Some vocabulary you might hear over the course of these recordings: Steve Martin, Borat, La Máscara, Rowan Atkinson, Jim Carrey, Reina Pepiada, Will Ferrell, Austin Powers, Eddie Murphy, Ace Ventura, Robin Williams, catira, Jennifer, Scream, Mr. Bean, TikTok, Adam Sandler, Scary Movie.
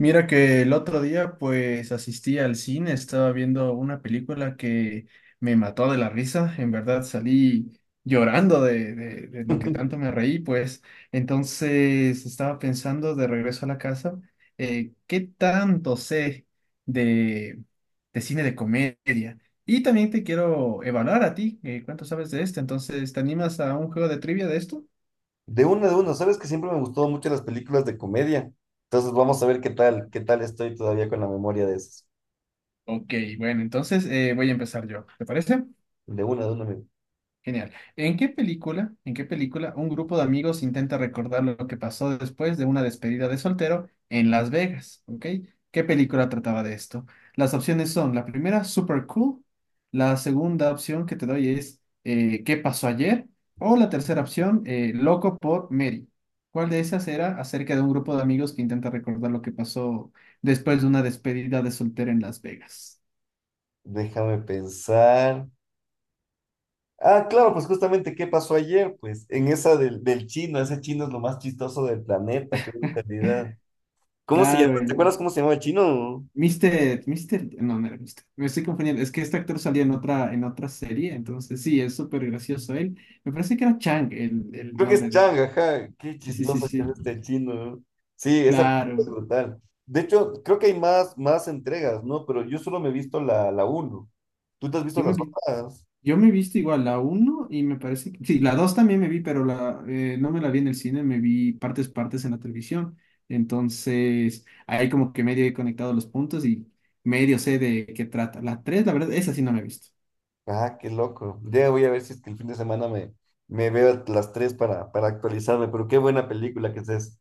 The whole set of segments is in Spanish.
Mira que el otro día pues asistí al cine, estaba viendo una película que me mató de la risa, en verdad salí llorando de lo que De tanto me reí, pues entonces estaba pensando de regreso a la casa, ¿qué tanto sé de, de cine de comedia? Y también te quiero evaluar a ti, ¿cuánto sabes de esto? Entonces, ¿te animas a un juego de trivia de esto? una, de una, Sabes que siempre me gustó mucho las películas de comedia. Entonces vamos a ver qué tal estoy todavía con la memoria de esas. Ok, bueno, entonces voy a empezar yo, ¿te parece? De una, de una, amigo. Genial. ¿En qué película un grupo de amigos intenta recordar lo que pasó después de una despedida de soltero en Las Vegas? ¿Ok? ¿Qué película trataba de esto? Las opciones son, la primera, Super Cool; la segunda opción que te doy es ¿Qué pasó ayer?; o la tercera opción, Loco por Mary. ¿Cuál de esas era acerca de un grupo de amigos que intenta recordar lo que pasó después de una despedida de soltero en Las Vegas? Déjame pensar. Ah, claro, pues justamente qué pasó ayer, pues en esa del chino. Ese chino es lo más chistoso del planeta, qué brutalidad. ¿Cómo se llama? Claro, ¿Te acuerdas cómo se llamaba el chino? Mister, no, no era Mister, me estoy confundiendo, es que este actor salía en otra serie, entonces sí, es súper gracioso él, me parece que era Chang el Creo que es nombre de Chang, él, ajá. Qué sí, sí, sí, chistoso que es sí, este chino, ¿no? Sí, esa película es claro, brutal. De hecho, creo que hay más, más entregas, ¿no? Pero yo solo me he visto la uno. ¿Tú te has visto yo me las vi, otras? yo me he visto igual la uno y me parece que, sí, la 2 también me vi, pero no me la vi en el cine, me vi partes, partes en la televisión, entonces ahí como que medio he conectado los puntos y medio sé de qué trata, la 3, la verdad, esa sí no me he visto, Ah, qué loco. Ya voy a ver si es que el fin de semana me veo las tres para actualizarme, pero qué buena película que es esa.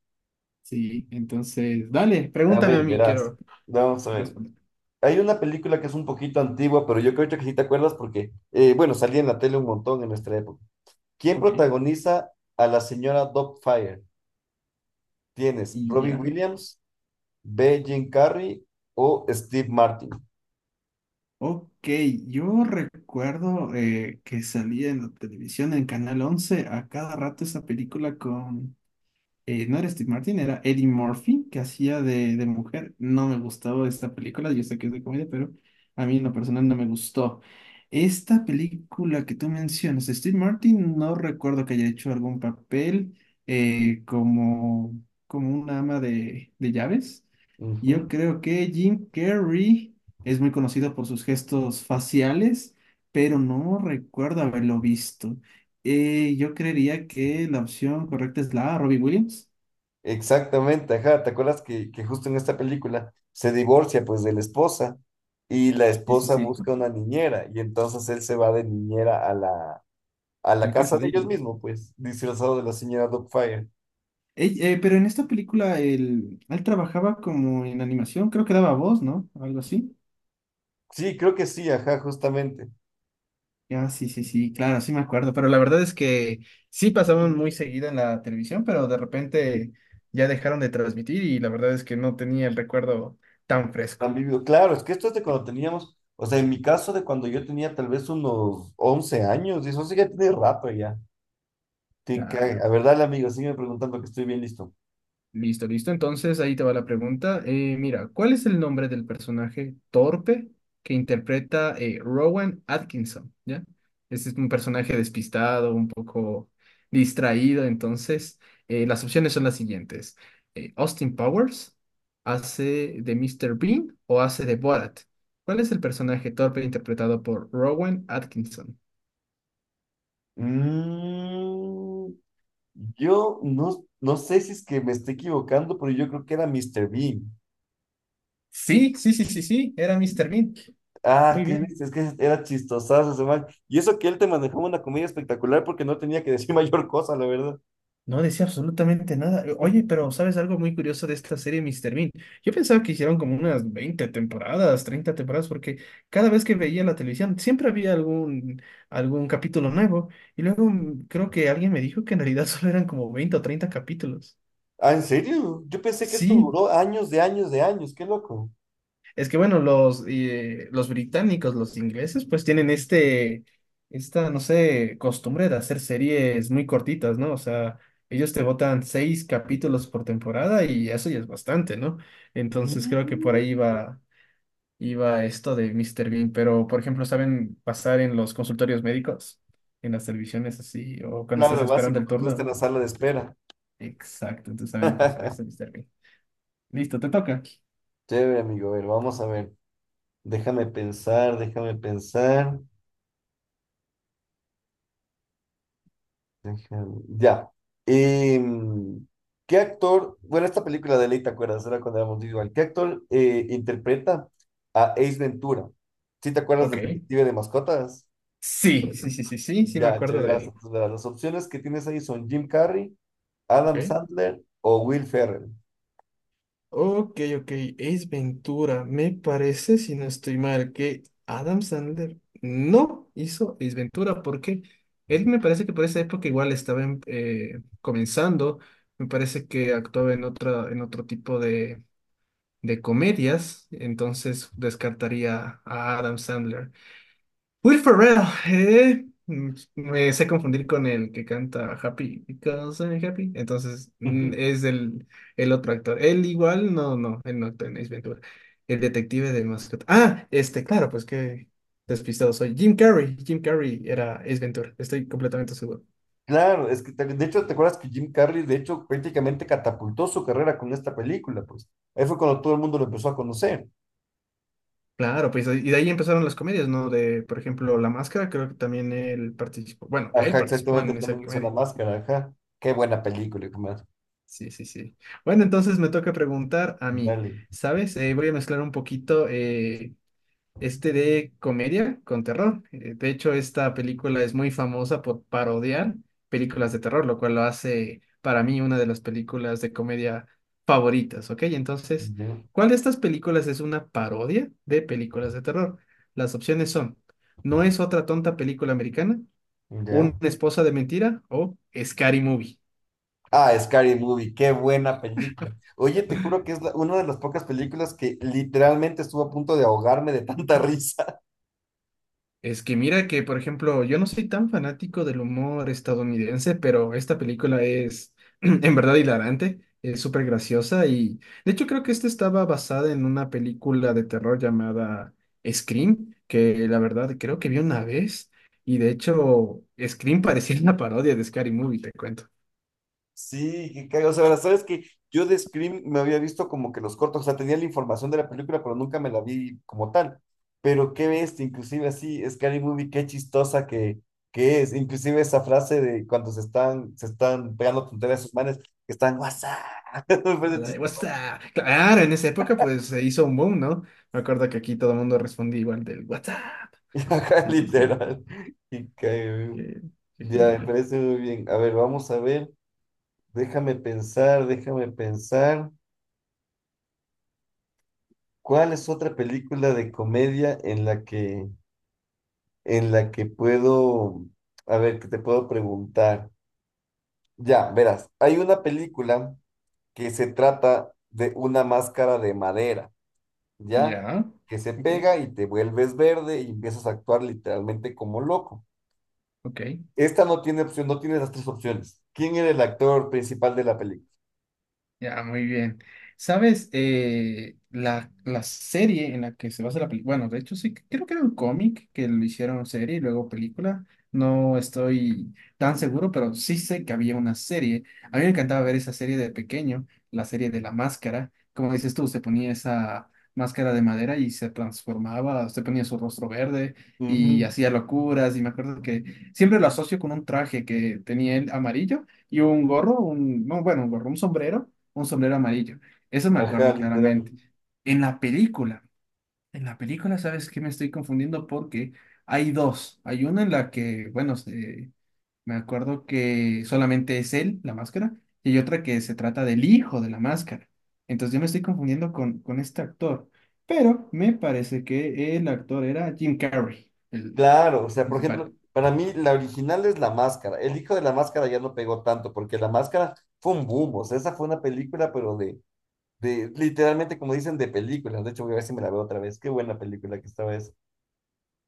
sí, entonces, dale, A pregúntame a ver, mí, verás. quiero Vamos a ver. responder. Hay una película que es un poquito antigua, pero yo creo que sí te acuerdas porque, bueno, salía en la tele un montón en nuestra época. ¿Quién Ok, protagoniza a la señora Fire? Tienes y Robin ya. Williams, B. Jim Carrey o Steve Martin. Ok, yo recuerdo que salía en la televisión, en Canal 11 a cada rato esa película no era Steve Martin, era Eddie Murphy, que hacía de mujer. No me gustaba esta película, yo sé que es de comedia, pero a mí en lo personal no me gustó. Esta película que tú mencionas, Steve Martin, no recuerdo que haya hecho algún papel eh, como, como una ama de llaves. Yo Ujú. creo que Jim Carrey es muy conocido por sus gestos faciales, pero no recuerdo haberlo visto. Yo creería que la opción correcta es la A, Robbie Williams. Exactamente, ajá, ¿te acuerdas que justo en esta película se divorcia pues de la esposa y la Sí, sí, esposa sí, busca una niñera y entonces él se va de niñera a a a la la casa casa de de ella, ellos ¿no? mismos, pues, disfrazado de la señora Dogfire. Ey, pero en esta película él trabajaba como en animación, creo que daba voz, ¿no? Algo así. Sí, creo que sí, ajá, justamente. Ya, sí, sí, sí, claro, sí me acuerdo, pero la verdad es que sí pasaban muy seguido en la televisión, pero de repente ya dejaron de transmitir y la verdad es que no tenía el recuerdo tan Han fresco. vivido, claro, es que esto es de cuando teníamos, o sea, en mi caso de cuando yo tenía tal vez unos 11 años y eso sí que tiene rato ya. Te cae. Claro. A ver, dale amigo, sígueme preguntando que estoy bien listo. Listo, listo. Entonces ahí te va la pregunta. Mira, ¿cuál es el nombre del personaje torpe que interpreta Rowan Atkinson? ¿Ya? Este es un personaje despistado, un poco distraído. Entonces, las opciones son las siguientes. Austin Powers hace de Mr. Bean o hace de Borat. ¿Cuál es el personaje torpe interpretado por Rowan Atkinson? Mm, Yo no sé si es que me estoy equivocando, pero yo creo que era Mr. Bean. Sí, sí, sí, sí, sí, era Mr. Bean. Ah, Muy qué lindo, bien. es que era chistosazo ese man. Y eso que él te manejaba una comedia espectacular porque no tenía que decir mayor cosa, la verdad. No decía absolutamente nada. Oye, pero ¿sabes algo muy curioso de esta serie Mister Bean? Yo pensaba que hicieron como unas 20 temporadas, 30 temporadas, porque cada vez que veía la televisión siempre había algún capítulo nuevo. Y luego creo que alguien me dijo que en realidad solo eran como 20 o 30 capítulos. Ah, ¿en serio? Yo pensé que esto Sí, duró años de años de años, qué loco. es que bueno, los británicos, los ingleses, pues tienen esta, no sé, costumbre de hacer series muy cortitas, ¿no? O sea, ellos te botan seis capítulos por temporada y eso ya es bastante, ¿no? Entonces creo que por Ujú. ahí iba esto de Mr. Bean, pero por ejemplo, ¿saben pasar en los consultorios médicos? En las televisiones así, o cuando estás Claro, esperando básico, el cuando uno está turno. en la sala de espera. Exacto, entonces saben pasar esto, Mr. Bean. Listo, te toca. Chévere, amigo, a ver, vamos a ver. Déjame pensar, déjame pensar. Tottenham. Ya. Em, ¿Qué actor? Bueno, esta película de ley, ¿te acuerdas? Era cuando éramos igual. ¿Qué actor interpreta a Ace Ventura? ¿Sí te acuerdas del Ok. detective de mascotas? Sí, sí, sí, sí, sí, sí me Ya, acuerdo chévere, de gracias. él. Entonces, las opciones que tienes ahí son Jim Carrey, Adam Ok. Sandler o Will Ferrell. Ok, ok, Ace Ventura, me parece, si no estoy mal, que Adam Sandler no hizo Ace Ventura porque él me parece que por esa época igual estaba comenzando, me parece que actuaba en otro tipo de comedias, entonces descartaría a Adam Sandler. Will Ferrell, me sé confundir con el que canta Happy Because I'm Happy. Entonces, es el otro actor. Él igual, no, no, él no actúa en Ace Ventura. El detective de mascota. Ah, claro, pues que despistado soy. Jim Carrey, Jim Carrey era Ace Ventura, estoy completamente seguro. Claro, es que de hecho, ¿te acuerdas que Jim Carrey, de hecho, prácticamente catapultó su carrera con esta película? Pues ahí fue cuando todo el mundo lo empezó a conocer. Claro, pues y de ahí empezaron las comedias, ¿no? De, por ejemplo, La Máscara, creo que también él participó, bueno, él Ajá, participó exactamente, en él esa también hizo la comedia. máscara, ajá. Qué buena película, hijo mío. Sí, sí, sí. Bueno, entonces me toca preguntar a mí, Dale. ¿sabes? Voy a mezclar un poquito de comedia con terror. De hecho, esta película es muy famosa por parodiar películas de terror, lo cual lo hace para mí una de las películas de comedia favoritas, ¿ok? Entonces, Ya, ¿cuál de estas películas es una parodia de películas de terror? Las opciones son, ¿No es otra tonta película americana?, ya. ¿Una esposa de mentira? O Scary Movie. Ah, Scary Movie, qué buena película. Oye, te juro que es una de las pocas películas que literalmente estuvo a punto de ahogarme de tanta risa. Es que mira que, por ejemplo, yo no soy tan fanático del humor estadounidense, pero esta película es en verdad hilarante, es súper graciosa y de hecho creo que esta estaba basada en una película de terror llamada Scream, que la verdad creo que vi una vez, y de hecho Scream parecía una parodia de Scary Movie, te cuento. Sí, que cago. O sea, sabes que yo de Scream me había visto como que los cortos, o sea, tenía la información de la película, pero nunca me la vi como tal. Pero qué bestia, inclusive así, Scary Movie, qué chistosa que es. Inclusive esa frase de cuando se están pegando tonterías a sus manes, que están WhatsApp. A la de What's up? Claro, en esa época pues se hizo un boom, ¿no? Me acuerdo que aquí todo el mundo respondía igual del What's up? Ajá, Sí, sí, sí. literal. Y cae, güey. Qué, qué Ya, me genial. parece muy bien. A ver, vamos a ver. Déjame pensar, déjame pensar. ¿Cuál es otra película de comedia en en la que puedo, a ver, que te puedo preguntar? Ya, verás, hay una película que se trata de una máscara de madera, ¿ya? Ya, Que se ok, pega y te vuelves verde y empiezas a actuar literalmente como loco. ok. Esta no tiene opción, no tiene las tres opciones. ¿Quién era el actor principal de la película? Ya, muy bien. ¿Sabes? La serie en la que se basa la película, bueno, de hecho sí, creo que era un cómic que lo hicieron serie y luego película. No estoy tan seguro, pero sí sé que había una serie. A mí me encantaba ver esa serie de pequeño, la serie de la máscara. Como dices tú, se ponía esa máscara de madera y se transformaba, se ponía su rostro verde y Ujú. hacía locuras. Y me acuerdo que siempre lo asocio con un traje que tenía él amarillo y un gorro, un, no, bueno, un gorro, un sombrero amarillo. Eso me Ajá, acuerdo literal. claramente. En la película, en la película, ¿sabes qué? Me estoy confundiendo porque hay dos. Hay una en la que, bueno, me acuerdo que solamente es él, la máscara, y hay otra que se trata del hijo de la máscara. Entonces yo me estoy confundiendo con este actor, pero me parece que el actor era Jim Carrey, el Claro, o sea, por principal. ejemplo, para mí la original es La Máscara. El hijo de La Máscara ya no pegó tanto porque La Máscara fue un boom, o sea, esa fue una película, pero de literalmente, como dicen, de películas. De hecho, voy a ver si me la veo otra vez. Qué buena película que estaba esa.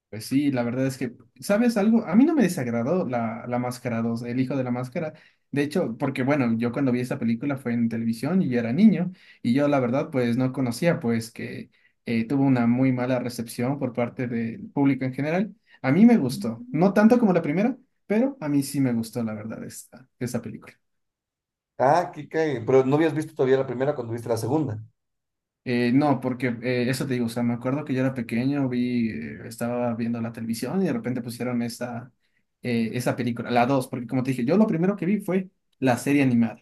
Pues sí, la verdad es que, ¿sabes algo? A mí no me desagradó la Máscara dos, El Hijo de la Máscara. De hecho, porque bueno, yo cuando vi esa película fue en televisión y yo era niño, y yo la verdad pues no conocía pues que tuvo una muy mala recepción por parte del público en general. A mí me gustó, no tanto como la primera, pero a mí sí me gustó la verdad esa película. Ah, qué cae. Pero no habías visto todavía la primera cuando viste la segunda. No, porque eso te digo, o sea, me acuerdo que yo era pequeño, estaba viendo la televisión y de repente pusieron esa película, la dos, porque como te dije, yo lo primero que vi fue la serie animada,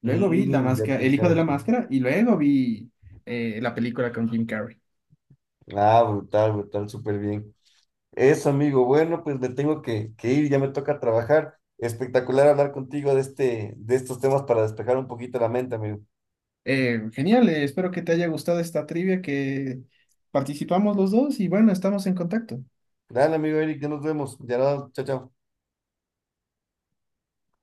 luego vi la Mm, ya máscara, te El hijo de la cacho. máscara y luego vi la película con Jim Carrey. Ah, brutal, brutal, súper bien. Eso, amigo. Bueno, pues me tengo que ir, ya me toca trabajar. Espectacular hablar contigo de de estos temas para despejar un poquito la mente, amigo. Genial, espero que te haya gustado esta trivia que participamos los dos y bueno, estamos en contacto. Dale, amigo Eric, ya nos vemos. Ya nos, chao, chao.